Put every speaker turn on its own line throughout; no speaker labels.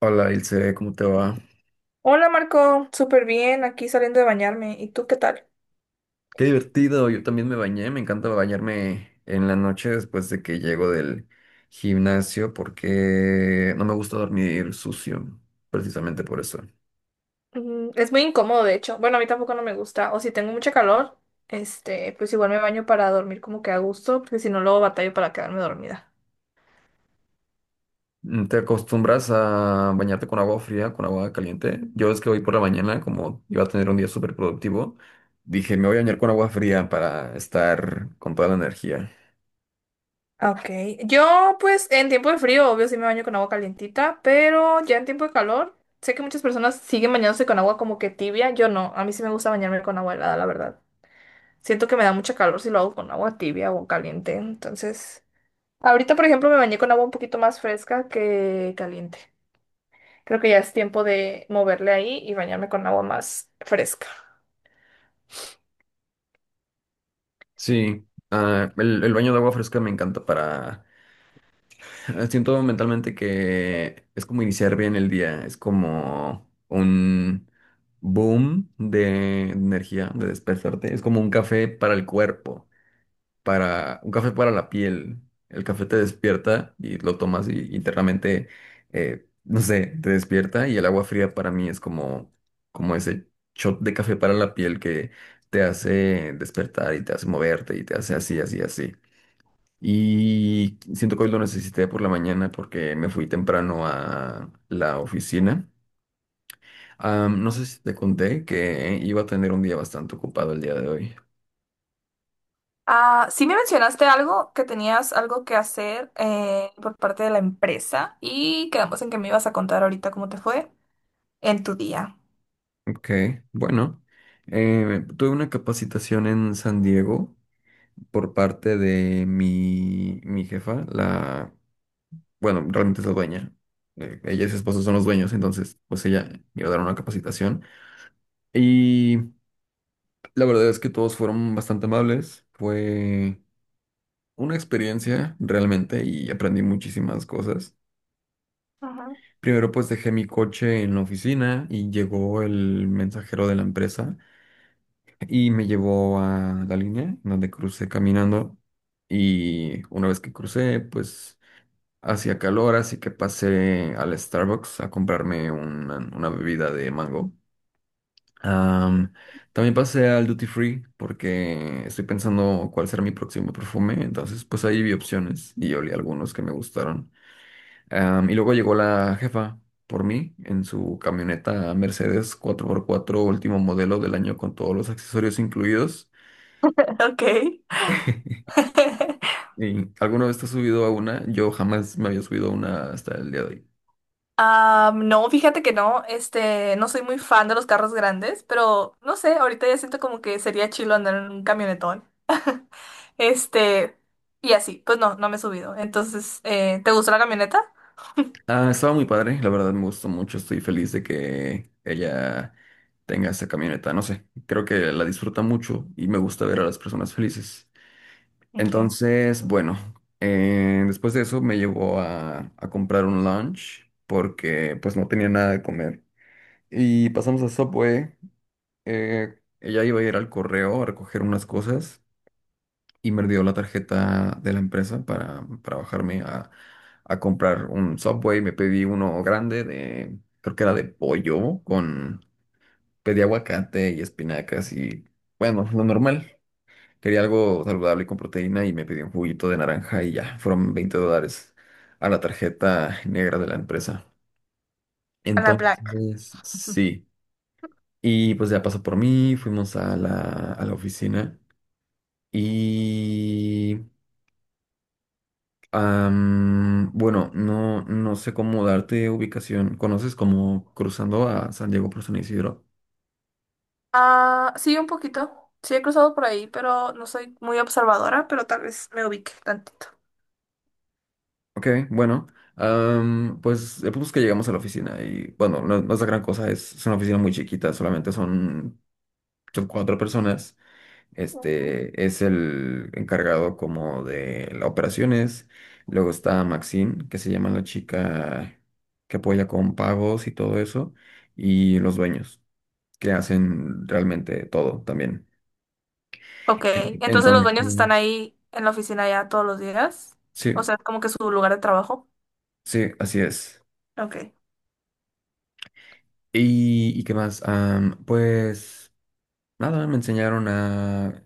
Hola Ilse, ¿cómo te va?
Hola Marco, súper bien, aquí saliendo de bañarme. ¿Y tú qué tal?
Qué divertido, yo también me bañé, me encanta bañarme en la noche después de que llego del gimnasio porque no me gusta dormir sucio, precisamente por eso.
Es muy incómodo, de hecho. Bueno, a mí tampoco no me gusta. O si tengo mucha calor, pues igual me baño para dormir como que a gusto, porque si no luego batallo para quedarme dormida.
¿Te acostumbras a bañarte con agua fría, con agua caliente? Yo es que hoy por la mañana, como iba a tener un día súper productivo, dije, me voy a bañar con agua fría para estar con toda la energía.
Ah, ok. Yo, pues, en tiempo de frío, obvio, sí me baño con agua calientita, pero ya en tiempo de calor, sé que muchas personas siguen bañándose con agua como que tibia. Yo no, a mí sí me gusta bañarme con agua helada, la verdad. Siento que me da mucha calor si lo hago con agua tibia o caliente. Entonces, ahorita, por ejemplo, me bañé con agua un poquito más fresca que caliente. Creo que ya es tiempo de moverle ahí y bañarme con agua más fresca.
Sí, el baño de agua fresca me encanta para… Siento mentalmente que es como iniciar bien el día, es como un boom de energía, de despertarte, es como un café para el cuerpo, para un café para la piel. El café te despierta y lo tomas y internamente, no sé, te despierta y el agua fría para mí es como ese shot de café para la piel que te hace despertar y te hace moverte y te hace así, así, así. Y siento que hoy lo necesité por la mañana porque me fui temprano a la oficina. No sé si te conté que iba a tener un día bastante ocupado el día de hoy.
Ah, sí me mencionaste algo, que tenías algo que hacer por parte de la empresa y quedamos en que me ibas a contar ahorita cómo te fue en tu día.
Ok, bueno. Tuve una capacitación en San Diego por parte de mi jefa, bueno, realmente es la dueña. Ella y su esposo son los dueños, entonces pues ella me iba a dar una capacitación. Y la verdad es que todos fueron bastante amables. Fue una experiencia realmente y aprendí muchísimas cosas.
Ajá.
Primero pues dejé mi coche en la oficina y llegó el mensajero de la empresa y me llevó a la línea donde crucé caminando y una vez que crucé pues hacía calor, así que pasé al Starbucks a comprarme una bebida de mango. Am, también pasé al Duty Free porque estoy pensando cuál será mi próximo perfume, entonces pues ahí vi opciones y olí algunos que me gustaron. Y luego llegó la jefa por mí en su camioneta Mercedes 4x4, último modelo del año, con todos los accesorios incluidos.
Ok.
¿Y alguna vez te has subido a una? Yo jamás me había subido a una hasta el día de hoy.
No, fíjate que no, no soy muy fan de los carros grandes, pero no sé, ahorita ya siento como que sería chilo andar en un camionetón. Este, y así, pues no me he subido. Entonces, ¿te gustó la camioneta?
Ah, estaba muy padre, la verdad me gustó mucho. Estoy feliz de que ella tenga esa camioneta. No sé, creo que la disfruta mucho y me gusta ver a las personas felices.
Ok.
Entonces, bueno, después de eso me llevó a comprar un lunch porque pues no tenía nada de comer. Y pasamos a Subway. Ella iba a ir al correo a recoger unas cosas y me dio la tarjeta de la empresa para bajarme a comprar un Subway. Me pedí uno grande de, creo que era de pollo con, pedí aguacate y espinacas y bueno, lo normal. Quería algo saludable con proteína y me pidió un juguito de naranja y ya, fueron $20 a la tarjeta negra de la empresa.
A la Black.
Entonces, sí. Y pues ya pasó por mí, fuimos a la oficina y… bueno, no, no sé cómo darte ubicación. ¿Conoces como cruzando a San Diego por San Isidro?
Ah, sí, un poquito. Sí, he cruzado por ahí, pero no soy muy observadora, pero tal vez me ubique tantito.
Ok, bueno. Pues el punto es que llegamos a la oficina y bueno, no, no es la gran cosa, es una oficina muy chiquita, solamente son cuatro personas.
Ujú.
Este es el encargado como de las operaciones. Luego está Maxine, que se llama la chica que apoya con pagos y todo eso. Y los dueños, que hacen realmente todo también.
Ok,
En-
entonces los dueños están
Entonces,
ahí en la oficina ya todos los días. O
sí,
sea, como que su lugar de trabajo.
sí, así es.
Ok.
¿Y qué más? Pues nada, me enseñaron a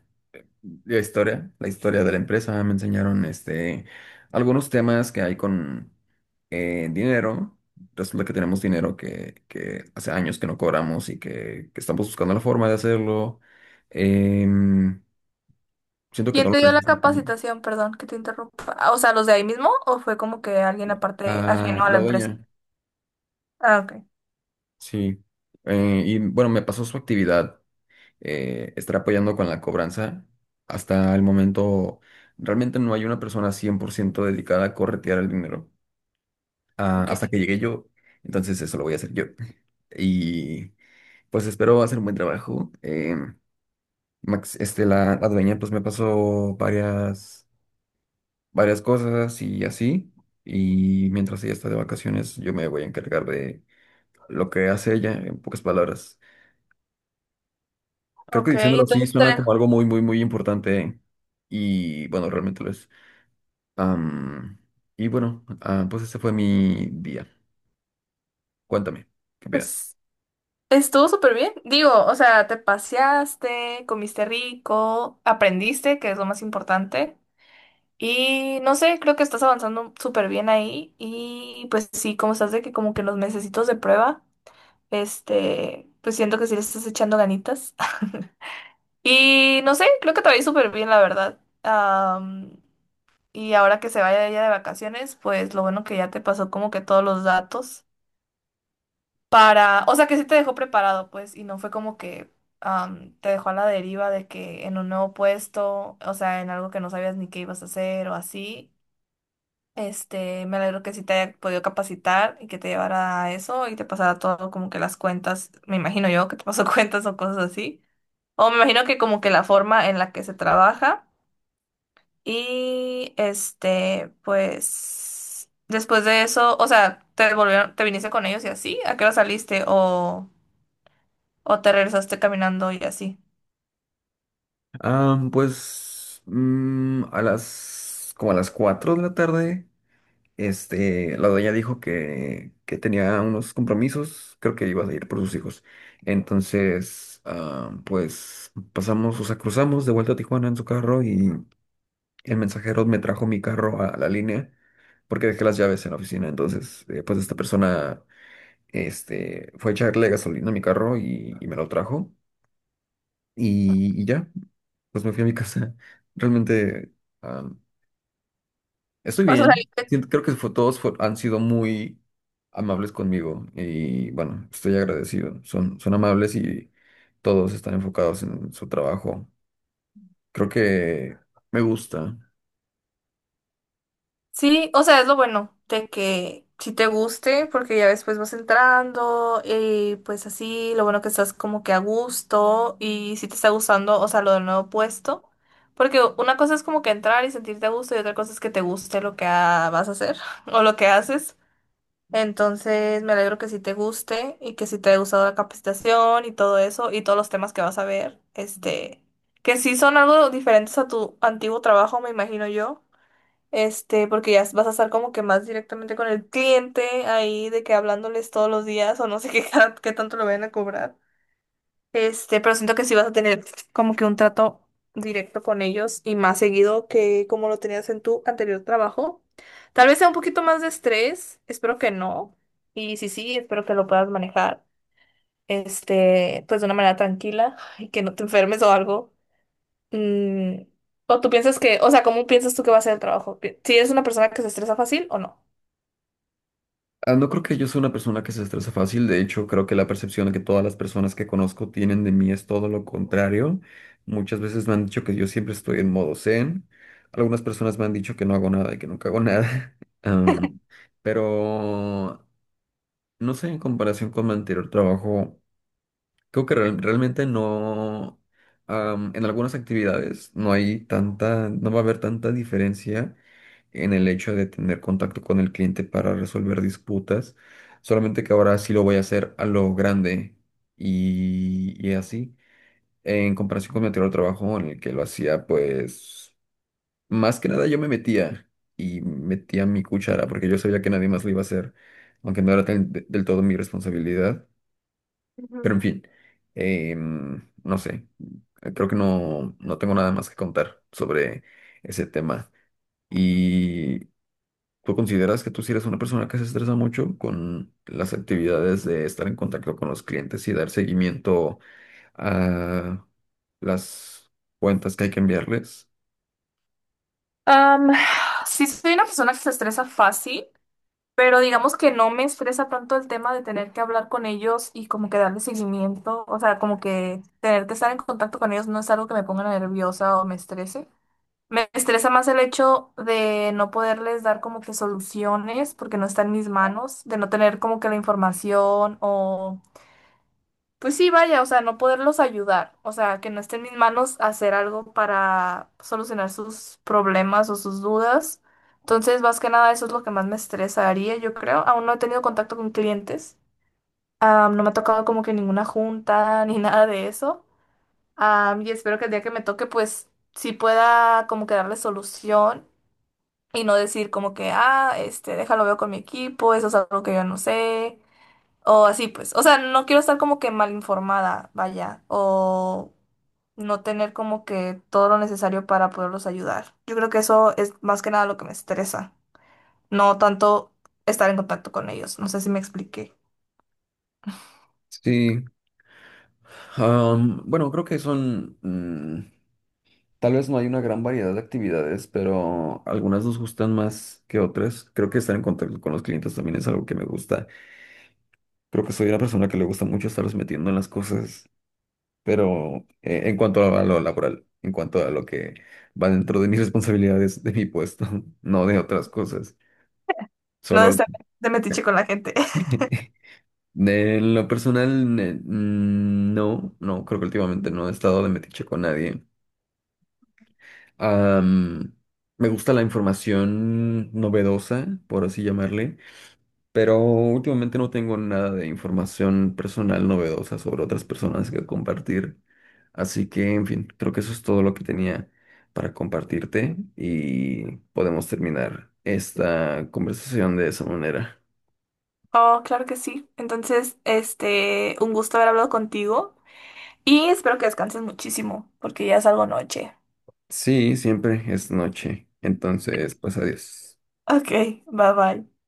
la historia, la historia de la empresa, me enseñaron algunos temas que hay con dinero. Resulta que tenemos dinero que hace años que no cobramos y que estamos buscando la forma de hacerlo. Em, Siento que no
¿Quién
lo
te dio la
necesito.
capacitación? Perdón, que te interrumpa. Ah, o sea, ¿los de ahí mismo o fue como que alguien aparte
Ah,
ajeno a
la
la empresa?
dueña,
Ah, ok.
sí. Y bueno, me pasó su actividad. Estar apoyando con la cobranza. Hasta el momento, realmente no hay una persona 100% dedicada a corretear el dinero. Ah,
Ok,
hasta que llegué yo, entonces eso lo voy a hacer yo. Y pues espero hacer un buen trabajo. Max, la dueña pues me pasó varias cosas y así. Y mientras ella está de vacaciones, yo me voy a encargar de lo que hace ella, en pocas palabras. Creo que
ok,
diciéndolo así
entonces te
suena
dejo.
como algo muy, muy, muy importante. Y bueno, realmente lo es. Am, y bueno, pues ese fue mi día. Cuéntame, ¿qué opinas?
Pues estuvo súper bien. Digo, o sea, te paseaste, comiste rico, aprendiste, que es lo más importante. Y no sé, creo que estás avanzando súper bien ahí. Y pues sí, como estás de que como que los mesecitos de prueba, pues siento que sí le estás echando ganitas. Y no sé, creo que te va a ir súper bien, la verdad. Y ahora que se vaya ella de vacaciones, pues lo bueno que ya te pasó como que todos los datos para, o sea, que sí te dejó preparado, pues, y no fue como que te dejó a la deriva de que en un nuevo puesto, o sea, en algo que no sabías ni qué ibas a hacer o así. Me alegro que sí te haya podido capacitar y que te llevara a eso y te pasara todo como que las cuentas, me imagino yo que te pasó cuentas o cosas así. O me imagino que como que la forma en la que se trabaja. Y pues, después de eso, o sea, te volvieron, te viniste con ellos y así, ¿a qué hora saliste? O te regresaste caminando y así.
Pues como a las 4 de la tarde. La doña dijo que tenía unos compromisos, creo que iba a ir por sus hijos. Entonces, pues pasamos, o sea, cruzamos de vuelta a Tijuana en su carro, y el mensajero me trajo mi carro a la línea porque dejé las llaves en la oficina. Entonces, pues esta persona, fue a echarle gasolina a mi carro y me lo trajo, y ya, pues me fui a mi casa. Realmente, ah, Estoy
O sea,
bien.
saliste-
Siento- Creo que fue- todos fue- Han sido muy amables conmigo y bueno, estoy agradecido. Son amables y todos están enfocados en su trabajo. Creo que me gusta.
Sí, o sea, es lo bueno de que si te guste, porque ya después vas entrando y pues así, lo bueno que estás como que a gusto y si te está gustando, o sea, lo del nuevo puesto, porque una cosa es como que entrar y sentirte a gusto y otra cosa es que te guste lo que vas a hacer o lo que haces. Entonces, me alegro que sí te guste y que sí te haya gustado la capacitación y todo eso y todos los temas que vas a ver, que sí son algo diferentes a tu antiguo trabajo, me imagino yo, porque ya vas a estar como que más directamente con el cliente ahí de que hablándoles todos los días o no sé qué tanto lo vayan a cobrar. Pero siento que sí vas a tener como que un trato directo con ellos y más seguido que como lo tenías en tu anterior trabajo. Tal vez sea un poquito más de estrés, espero que no. Y sí, espero que lo puedas manejar, pues de una manera tranquila y que no te enfermes o algo. Mm, o tú piensas que, o sea, ¿cómo piensas tú que va a ser el trabajo? ¿Si eres una persona que se estresa fácil o no?
Ah, no creo que yo sea una persona que se estresa fácil. De hecho, creo que la percepción que todas las personas que conozco tienen de mí es todo lo contrario. Muchas veces me han dicho que yo siempre estoy en modo zen. Algunas personas me han dicho que no hago nada y que nunca hago nada. Am, pero no sé, en comparación con mi anterior trabajo, creo que realmente no, en algunas actividades no hay tanta, no va a haber tanta diferencia en el hecho de tener contacto con el cliente para resolver disputas, solamente que ahora sí lo voy a hacer a lo grande y así, en comparación con mi anterior trabajo en el que lo hacía, pues, más que nada yo me metía y metía mi cuchara porque yo sabía que nadie más lo iba a hacer, aunque no era del todo mi responsabilidad. Pero
Ujú.
en fin, no sé, creo que no tengo nada más que contar sobre ese tema. ¿Y tú consideras que tú sí eres una persona que se estresa mucho con las actividades de estar en contacto con los clientes y dar seguimiento a las cuentas que hay que enviarles?
Am, sí, soy una persona que se estresa fácil. Pero digamos que no me estresa tanto el tema de tener que hablar con ellos y como que darle seguimiento, o sea, como que tener que estar en contacto con ellos no es algo que me ponga nerviosa o me estrese. Me estresa más el hecho de no poderles dar como que soluciones porque no está en mis manos, de no tener como que la información o... Pues sí, vaya, o sea, no poderlos ayudar, o sea, que no esté en mis manos hacer algo para solucionar sus problemas o sus dudas. Entonces, más que nada, eso es lo que más me estresaría, yo creo. Aún no he tenido contacto con clientes, no me ha tocado como que ninguna junta ni nada de eso. Ah, y espero que el día que me toque, pues sí pueda como que darle solución y no decir como que, déjalo veo con mi equipo, eso es algo que yo no sé. O así, pues. O sea, no quiero estar como que mal informada, vaya. O no tener como que todo lo necesario para poderlos ayudar. Yo creo que eso es más que nada lo que me estresa. No tanto estar en contacto con ellos. No sé si me expliqué.
Sí. Bueno, creo que tal vez no hay una gran variedad de actividades, pero algunas nos gustan más que otras. Creo que estar en contacto con los clientes también es algo que me gusta. Creo que soy una persona que le gusta mucho estarlos metiendo en las cosas, pero en cuanto a lo laboral, en cuanto a lo que va dentro de mis responsabilidades, de mi puesto, no de otras cosas.
No de
Solo
estar de metiche con la gente.
de lo personal, no, no, creo que últimamente no he estado de metiche con nadie. Am, Me gusta la información novedosa, por así llamarle, pero últimamente no tengo nada de información personal novedosa sobre otras personas que compartir. Así que, en fin, creo que eso es todo lo que tenía para compartirte, y podemos terminar esta conversación de esa manera.
Oh, claro que sí. Entonces, un gusto haber hablado contigo. Y espero que descanses muchísimo, porque ya es algo noche.
Sí, siempre es noche. Entonces, pues adiós.
Ok, bye bye.